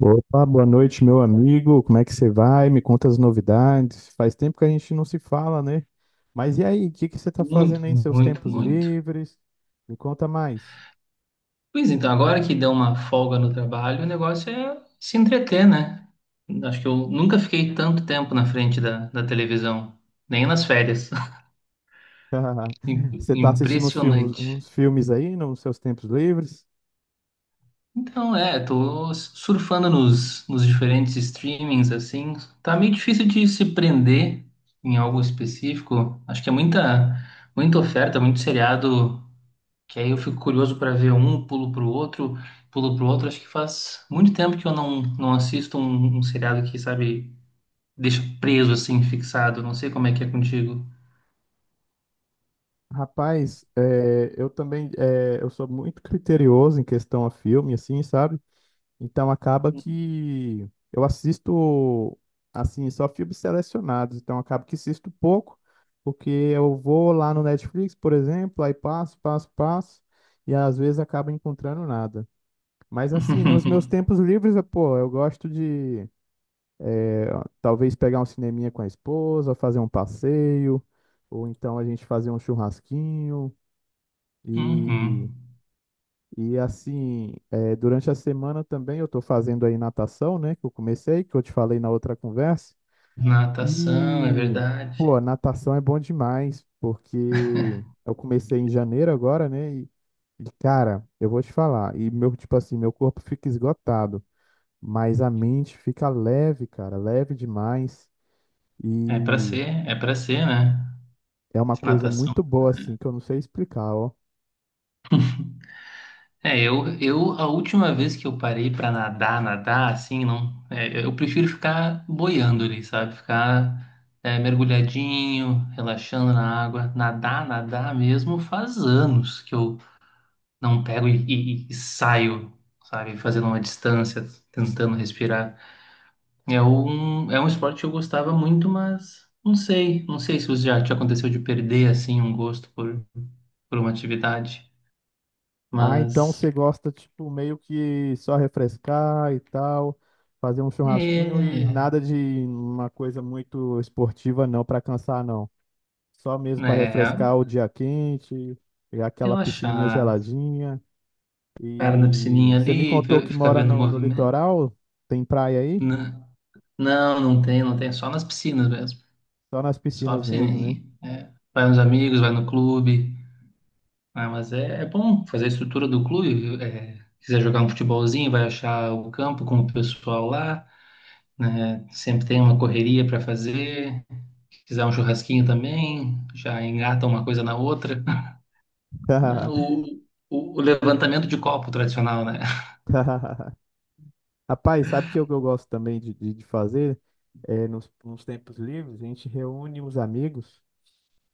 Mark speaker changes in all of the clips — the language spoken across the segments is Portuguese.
Speaker 1: Opa, boa noite, meu amigo. Como é que você vai? Me conta as novidades. Faz tempo que a gente não se fala, né? Mas e aí, o que você tá
Speaker 2: Muito,
Speaker 1: fazendo aí em seus
Speaker 2: muito,
Speaker 1: tempos
Speaker 2: muito.
Speaker 1: livres? Me conta mais.
Speaker 2: Pois então, agora que deu uma folga no trabalho, o negócio é se entreter, né? Acho que eu nunca fiquei tanto tempo na frente da televisão, nem nas férias.
Speaker 1: Você tá assistindo
Speaker 2: Impressionante.
Speaker 1: uns filmes aí nos seus tempos livres?
Speaker 2: Tô surfando nos diferentes streamings, assim. Tá meio difícil de se prender em algo específico. Acho que é muita oferta, muito seriado. Que aí eu fico curioso para ver um, pulo pro outro, pulo pro outro. Acho que faz muito tempo que eu não assisto um seriado que, sabe, deixa preso assim, fixado. Não sei como é que é contigo.
Speaker 1: Rapaz, eu também, eu sou muito criterioso em questão a filme, assim, sabe? Então acaba que eu assisto assim só filmes selecionados, então acaba que assisto pouco, porque eu vou lá no Netflix, por exemplo, aí passo, e às vezes acabo encontrando nada. Mas assim, nos meus tempos livres, eu, pô, eu gosto de talvez pegar um cineminha com a esposa, fazer um passeio, ou então a gente fazer um churrasquinho.
Speaker 2: Uhum.
Speaker 1: E E assim, durante a semana também eu estou fazendo aí natação, né? Que eu comecei, que eu te falei na outra conversa.
Speaker 2: Natação, é
Speaker 1: E,
Speaker 2: verdade.
Speaker 1: pô, natação é bom demais, porque eu comecei em janeiro agora, né? E cara, eu vou te falar. E meu, tipo assim, meu corpo fica esgotado, mas a mente fica leve, cara, leve demais. E
Speaker 2: É para ser, né?
Speaker 1: é uma coisa
Speaker 2: Natação.
Speaker 1: muito boa, assim, que eu não sei explicar, ó.
Speaker 2: Eu a última vez que eu parei pra nadar, nadar, assim, não, é, eu prefiro ficar boiando ali, sabe? Ficar mergulhadinho, relaxando na água. Nadar, nadar mesmo, faz anos que eu não pego e saio, sabe? Fazendo uma distância, tentando respirar. É um esporte que eu gostava muito, mas não sei, não sei se já te aconteceu de perder, assim, um gosto por uma atividade,
Speaker 1: Ah, então
Speaker 2: mas...
Speaker 1: você gosta, tipo, meio que só refrescar e tal, fazer um churrasquinho e
Speaker 2: É,
Speaker 1: nada de uma coisa muito esportiva não, pra cansar não. Só mesmo pra
Speaker 2: é,
Speaker 1: refrescar o dia quente, e aquela piscininha
Speaker 2: relaxar.
Speaker 1: geladinha.
Speaker 2: Cara, na
Speaker 1: E
Speaker 2: piscininha
Speaker 1: você me
Speaker 2: ali,
Speaker 1: contou que
Speaker 2: ficar
Speaker 1: mora
Speaker 2: vendo o
Speaker 1: no
Speaker 2: movimento.
Speaker 1: litoral, tem praia aí?
Speaker 2: N- Não, não tem, não tem. Só nas piscinas mesmo.
Speaker 1: Só nas
Speaker 2: Só a
Speaker 1: piscinas mesmo, né?
Speaker 2: piscininha. É. Vai nos amigos, vai no clube. Ah, mas é, é bom fazer a estrutura do clube, viu? É, quiser jogar um futebolzinho, vai achar o campo com o pessoal lá, né? Sempre tem uma correria para fazer. Quiser um churrasquinho também, já engata uma coisa na outra. Não, O levantamento de copo tradicional, né?
Speaker 1: Rapaz, sabe que eu gosto também de fazer? É, nos tempos livres, a gente reúne os amigos.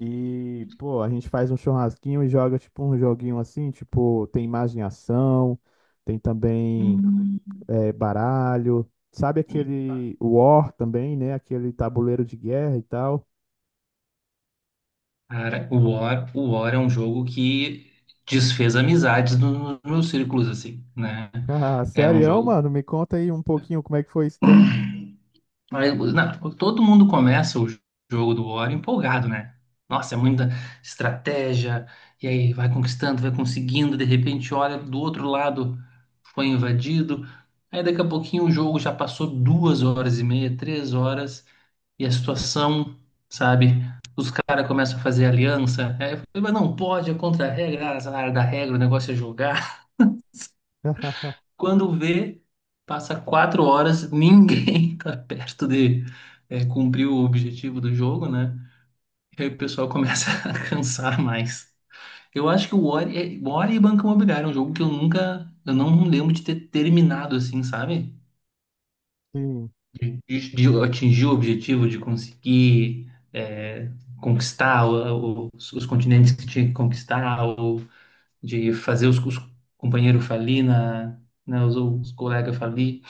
Speaker 1: E, pô, a gente faz um churrasquinho e joga tipo um joguinho assim, tipo, tem imaginação, tem também baralho, sabe aquele War também, né? Aquele tabuleiro de guerra e tal.
Speaker 2: Cara, o War é um jogo que desfez amizades nos meus círculos, assim, né?
Speaker 1: Ah,
Speaker 2: É um
Speaker 1: sério,
Speaker 2: jogo.
Speaker 1: mano? Me conta aí um pouquinho como é que foi isso daí.
Speaker 2: Mas, não, todo mundo começa o jogo do War empolgado, né? Nossa, é muita estratégia, e aí vai conquistando, vai conseguindo, de repente, olha, do outro lado foi invadido. Aí daqui a pouquinho o jogo já passou duas horas e meia, três horas. E a situação, sabe? Os caras começam a fazer aliança. Aí eu falei, mas não pode, é contra a regra, ah, azar da regra, o negócio é jogar. Quando vê, passa quatro horas, ninguém tá perto de cumprir o objetivo do jogo, né? E aí o pessoal começa a cansar mais. Eu acho que o Ori, é, o Ori e Banco Imobiliário é um jogo que eu nunca, eu não lembro de ter terminado assim, sabe?
Speaker 1: Sim.
Speaker 2: De atingir o objetivo de conseguir conquistar os continentes que tinha que conquistar, ou de fazer os companheiros falir, na, né, os colegas falir.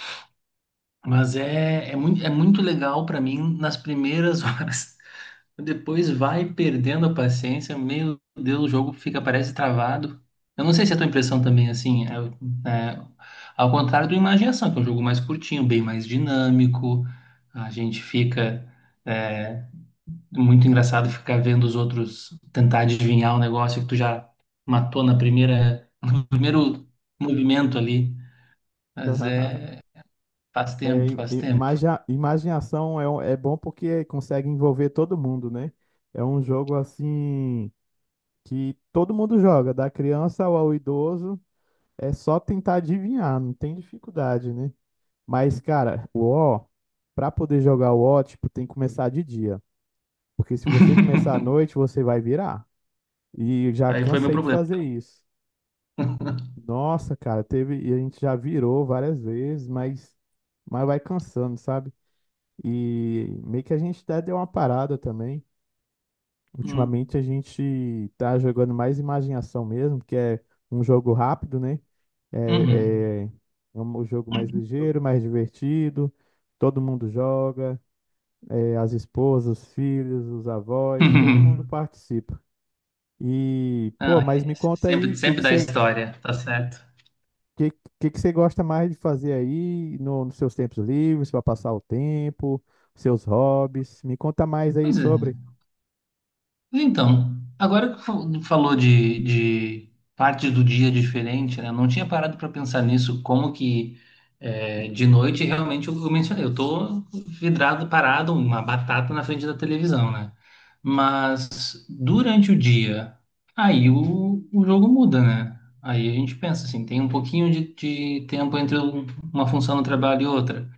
Speaker 2: Mas é, é muito legal para mim nas primeiras horas. Depois vai perdendo a paciência, meu Deus, o jogo fica, parece travado. Eu não sei se é a tua impressão também, assim, é, é, ao contrário do Imaginação, que é um jogo mais curtinho, bem mais dinâmico. A gente fica, é, muito engraçado ficar vendo os outros tentar adivinhar um negócio que tu já matou na primeira, no primeiro movimento ali, mas é, faz
Speaker 1: É,
Speaker 2: tempo, faz tempo.
Speaker 1: imaginação é, é bom porque consegue envolver todo mundo, né? É um jogo assim que todo mundo joga, da criança ao idoso. É só tentar adivinhar, não tem dificuldade, né? Mas, cara, o O, pra poder jogar o ó tipo, tem que começar de dia. Porque se você começar à noite, você vai virar. E já
Speaker 2: Aí foi meu
Speaker 1: cansei de
Speaker 2: problema.
Speaker 1: fazer isso. Nossa, cara, teve, e a gente já virou várias vezes, mas vai cansando, sabe? E meio que a gente até deu uma parada também.
Speaker 2: Hum.
Speaker 1: Ultimamente a gente tá jogando mais imaginação mesmo, que é um jogo rápido, né?
Speaker 2: Uhum.
Speaker 1: É, é é um jogo mais ligeiro, mais divertido, todo mundo joga, é, as esposas, os filhos, os avós, todo mundo participa. E,
Speaker 2: Não,
Speaker 1: pô, mas
Speaker 2: é, é
Speaker 1: me conta aí,
Speaker 2: sempre,
Speaker 1: o que
Speaker 2: sempre dá história, tá certo.
Speaker 1: que, que você gosta mais de fazer aí no, nos seus tempos livres, para passar o tempo, seus hobbies? Me conta mais aí
Speaker 2: Pois é.
Speaker 1: sobre.
Speaker 2: Mas então, agora que falou de partes do dia diferente, né? Eu não tinha parado para pensar nisso, como que é, de noite realmente eu mencionei, eu tô vidrado, parado, uma batata na frente da televisão, né? Mas durante o dia, aí o jogo muda, né? Aí a gente pensa assim, tem um pouquinho de tempo entre uma função no trabalho e outra.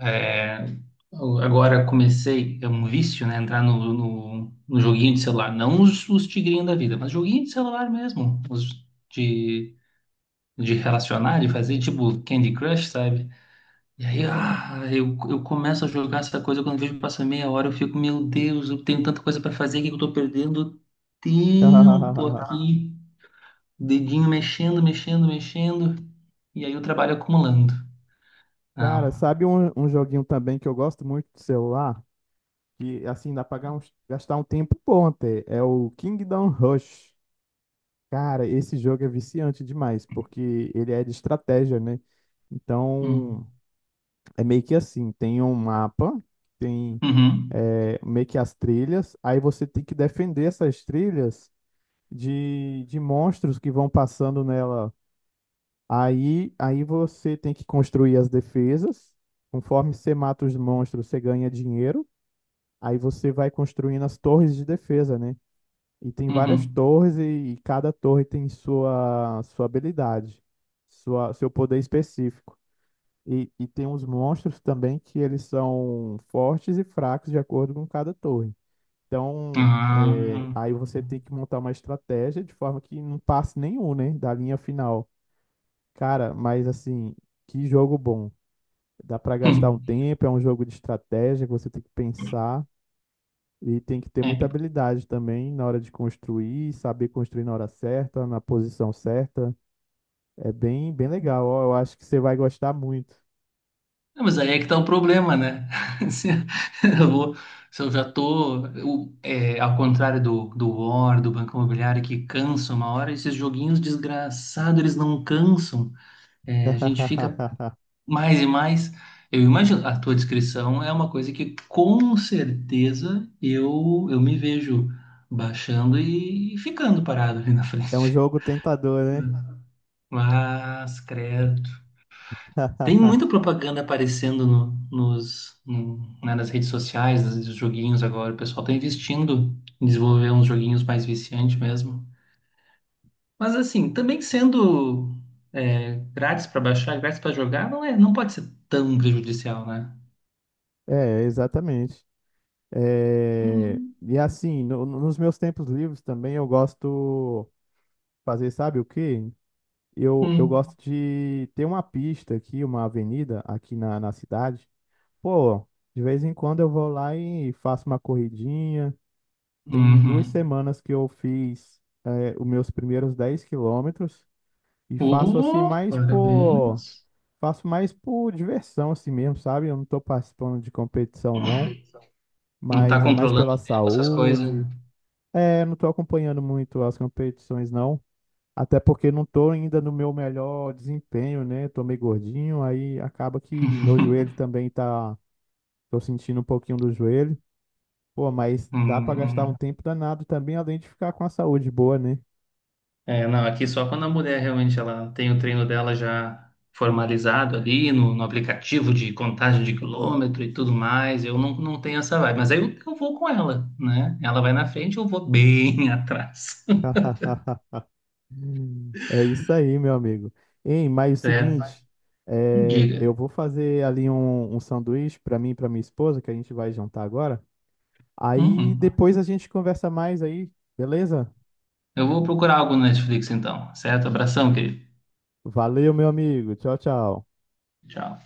Speaker 2: É, eu agora comecei, é um vício, né? Entrar no joguinho de celular. Não os tigrinhos da vida, mas joguinho de celular mesmo. Os de, de relacionar, de fazer tipo Candy Crush, sabe? E aí, ah, eu começo a jogar essa coisa. Quando vejo que passa meia hora, eu fico, meu Deus, eu tenho tanta coisa pra fazer aqui que eu tô perdendo tempo aqui. Dedinho mexendo, mexendo, mexendo. E aí o trabalho acumulando.
Speaker 1: Cara,
Speaker 2: Não.
Speaker 1: sabe um joguinho também que eu gosto muito do celular? Que assim dá pra gastar um tempo bom até. É o Kingdom Rush. Cara, esse jogo é viciante demais, porque ele é de estratégia, né? Então,
Speaker 2: Hum.
Speaker 1: é meio que assim, tem um mapa, tem
Speaker 2: Uhum.
Speaker 1: é, meio que as trilhas, aí você tem que defender essas trilhas de monstros que vão passando nela. Aí você tem que construir as defesas. Conforme você mata os monstros, você ganha dinheiro. Aí você vai construindo as torres de defesa, né? E tem várias
Speaker 2: Uhum.
Speaker 1: torres e cada torre tem sua habilidade, sua, seu poder específico. E tem uns monstros também que eles são fortes e fracos de acordo com cada torre. Então, é,
Speaker 2: Ah,
Speaker 1: aí você tem que montar uma estratégia de forma que não passe nenhum, né, da linha final. Cara, mas assim, que jogo bom. Dá pra
Speaker 2: hum,
Speaker 1: gastar um tempo, é um jogo de estratégia que você tem que pensar e tem que ter muita
Speaker 2: é.
Speaker 1: habilidade também na hora de construir, saber construir na hora certa, na posição certa. É bem, bem legal. Ó, eu acho que você vai gostar muito.
Speaker 2: Não, mas aí é que tá o problema, né? Se eu vou, se eu já tô, ao contrário do War, do Banco Imobiliário, que cansa uma hora, esses joguinhos desgraçados, eles não cansam. É, a gente fica mais e mais. Eu imagino, a tua descrição é uma coisa que com certeza eu me vejo baixando e ficando parado ali na
Speaker 1: É um
Speaker 2: frente.
Speaker 1: jogo tentador, né?
Speaker 2: Mas, credo. Tem muita propaganda aparecendo no- nos, no- né, nas redes sociais, nos joguinhos agora. O pessoal está investindo em desenvolver uns joguinhos mais viciantes mesmo. Mas assim, também sendo é, grátis para baixar, grátis para jogar, não é, não pode ser tão prejudicial, né?
Speaker 1: É, exatamente. É,
Speaker 2: Uhum.
Speaker 1: e assim, nos meus tempos livres também eu gosto fazer, sabe o quê? Eu
Speaker 2: Hum.
Speaker 1: gosto de ter uma pista aqui, uma avenida aqui na cidade. Pô, de vez em quando eu vou lá e faço uma corridinha. Tem
Speaker 2: Uhum.
Speaker 1: 2 semanas que eu fiz, é, os meus primeiros 10 km e faço assim
Speaker 2: Oh,
Speaker 1: mais por.
Speaker 2: parabéns.
Speaker 1: Faço mais por diversão assim mesmo, sabe? Eu não tô participando de competição não,
Speaker 2: Não tá
Speaker 1: mas é mais
Speaker 2: controlando
Speaker 1: pela
Speaker 2: o tempo, essas coisas.
Speaker 1: saúde. É, não tô acompanhando muito as competições não, até porque não tô ainda no meu melhor desempenho, né? Tô meio gordinho, aí acaba que meu joelho também tá, tô sentindo um pouquinho do joelho. Pô, mas dá pra
Speaker 2: Hum,
Speaker 1: gastar um
Speaker 2: hum.
Speaker 1: tempo danado também, além de ficar com a saúde boa, né?
Speaker 2: É, não, aqui só quando a mulher realmente ela tem o treino dela já formalizado ali no aplicativo de contagem de quilômetro e tudo mais, eu não tenho essa vibe. Mas aí eu vou com ela, né? Ela vai na frente, eu vou bem atrás.
Speaker 1: É isso aí, meu amigo. Hein, mas é o
Speaker 2: Certo?
Speaker 1: seguinte, é,
Speaker 2: Diga.
Speaker 1: eu vou fazer ali um sanduíche para mim e para minha esposa, que a gente vai jantar agora. Aí
Speaker 2: Uhum.
Speaker 1: depois a gente conversa mais aí, beleza?
Speaker 2: Eu vou procurar algo no Netflix então, certo? Abração, querido.
Speaker 1: Valeu, meu amigo. Tchau, tchau.
Speaker 2: Tchau.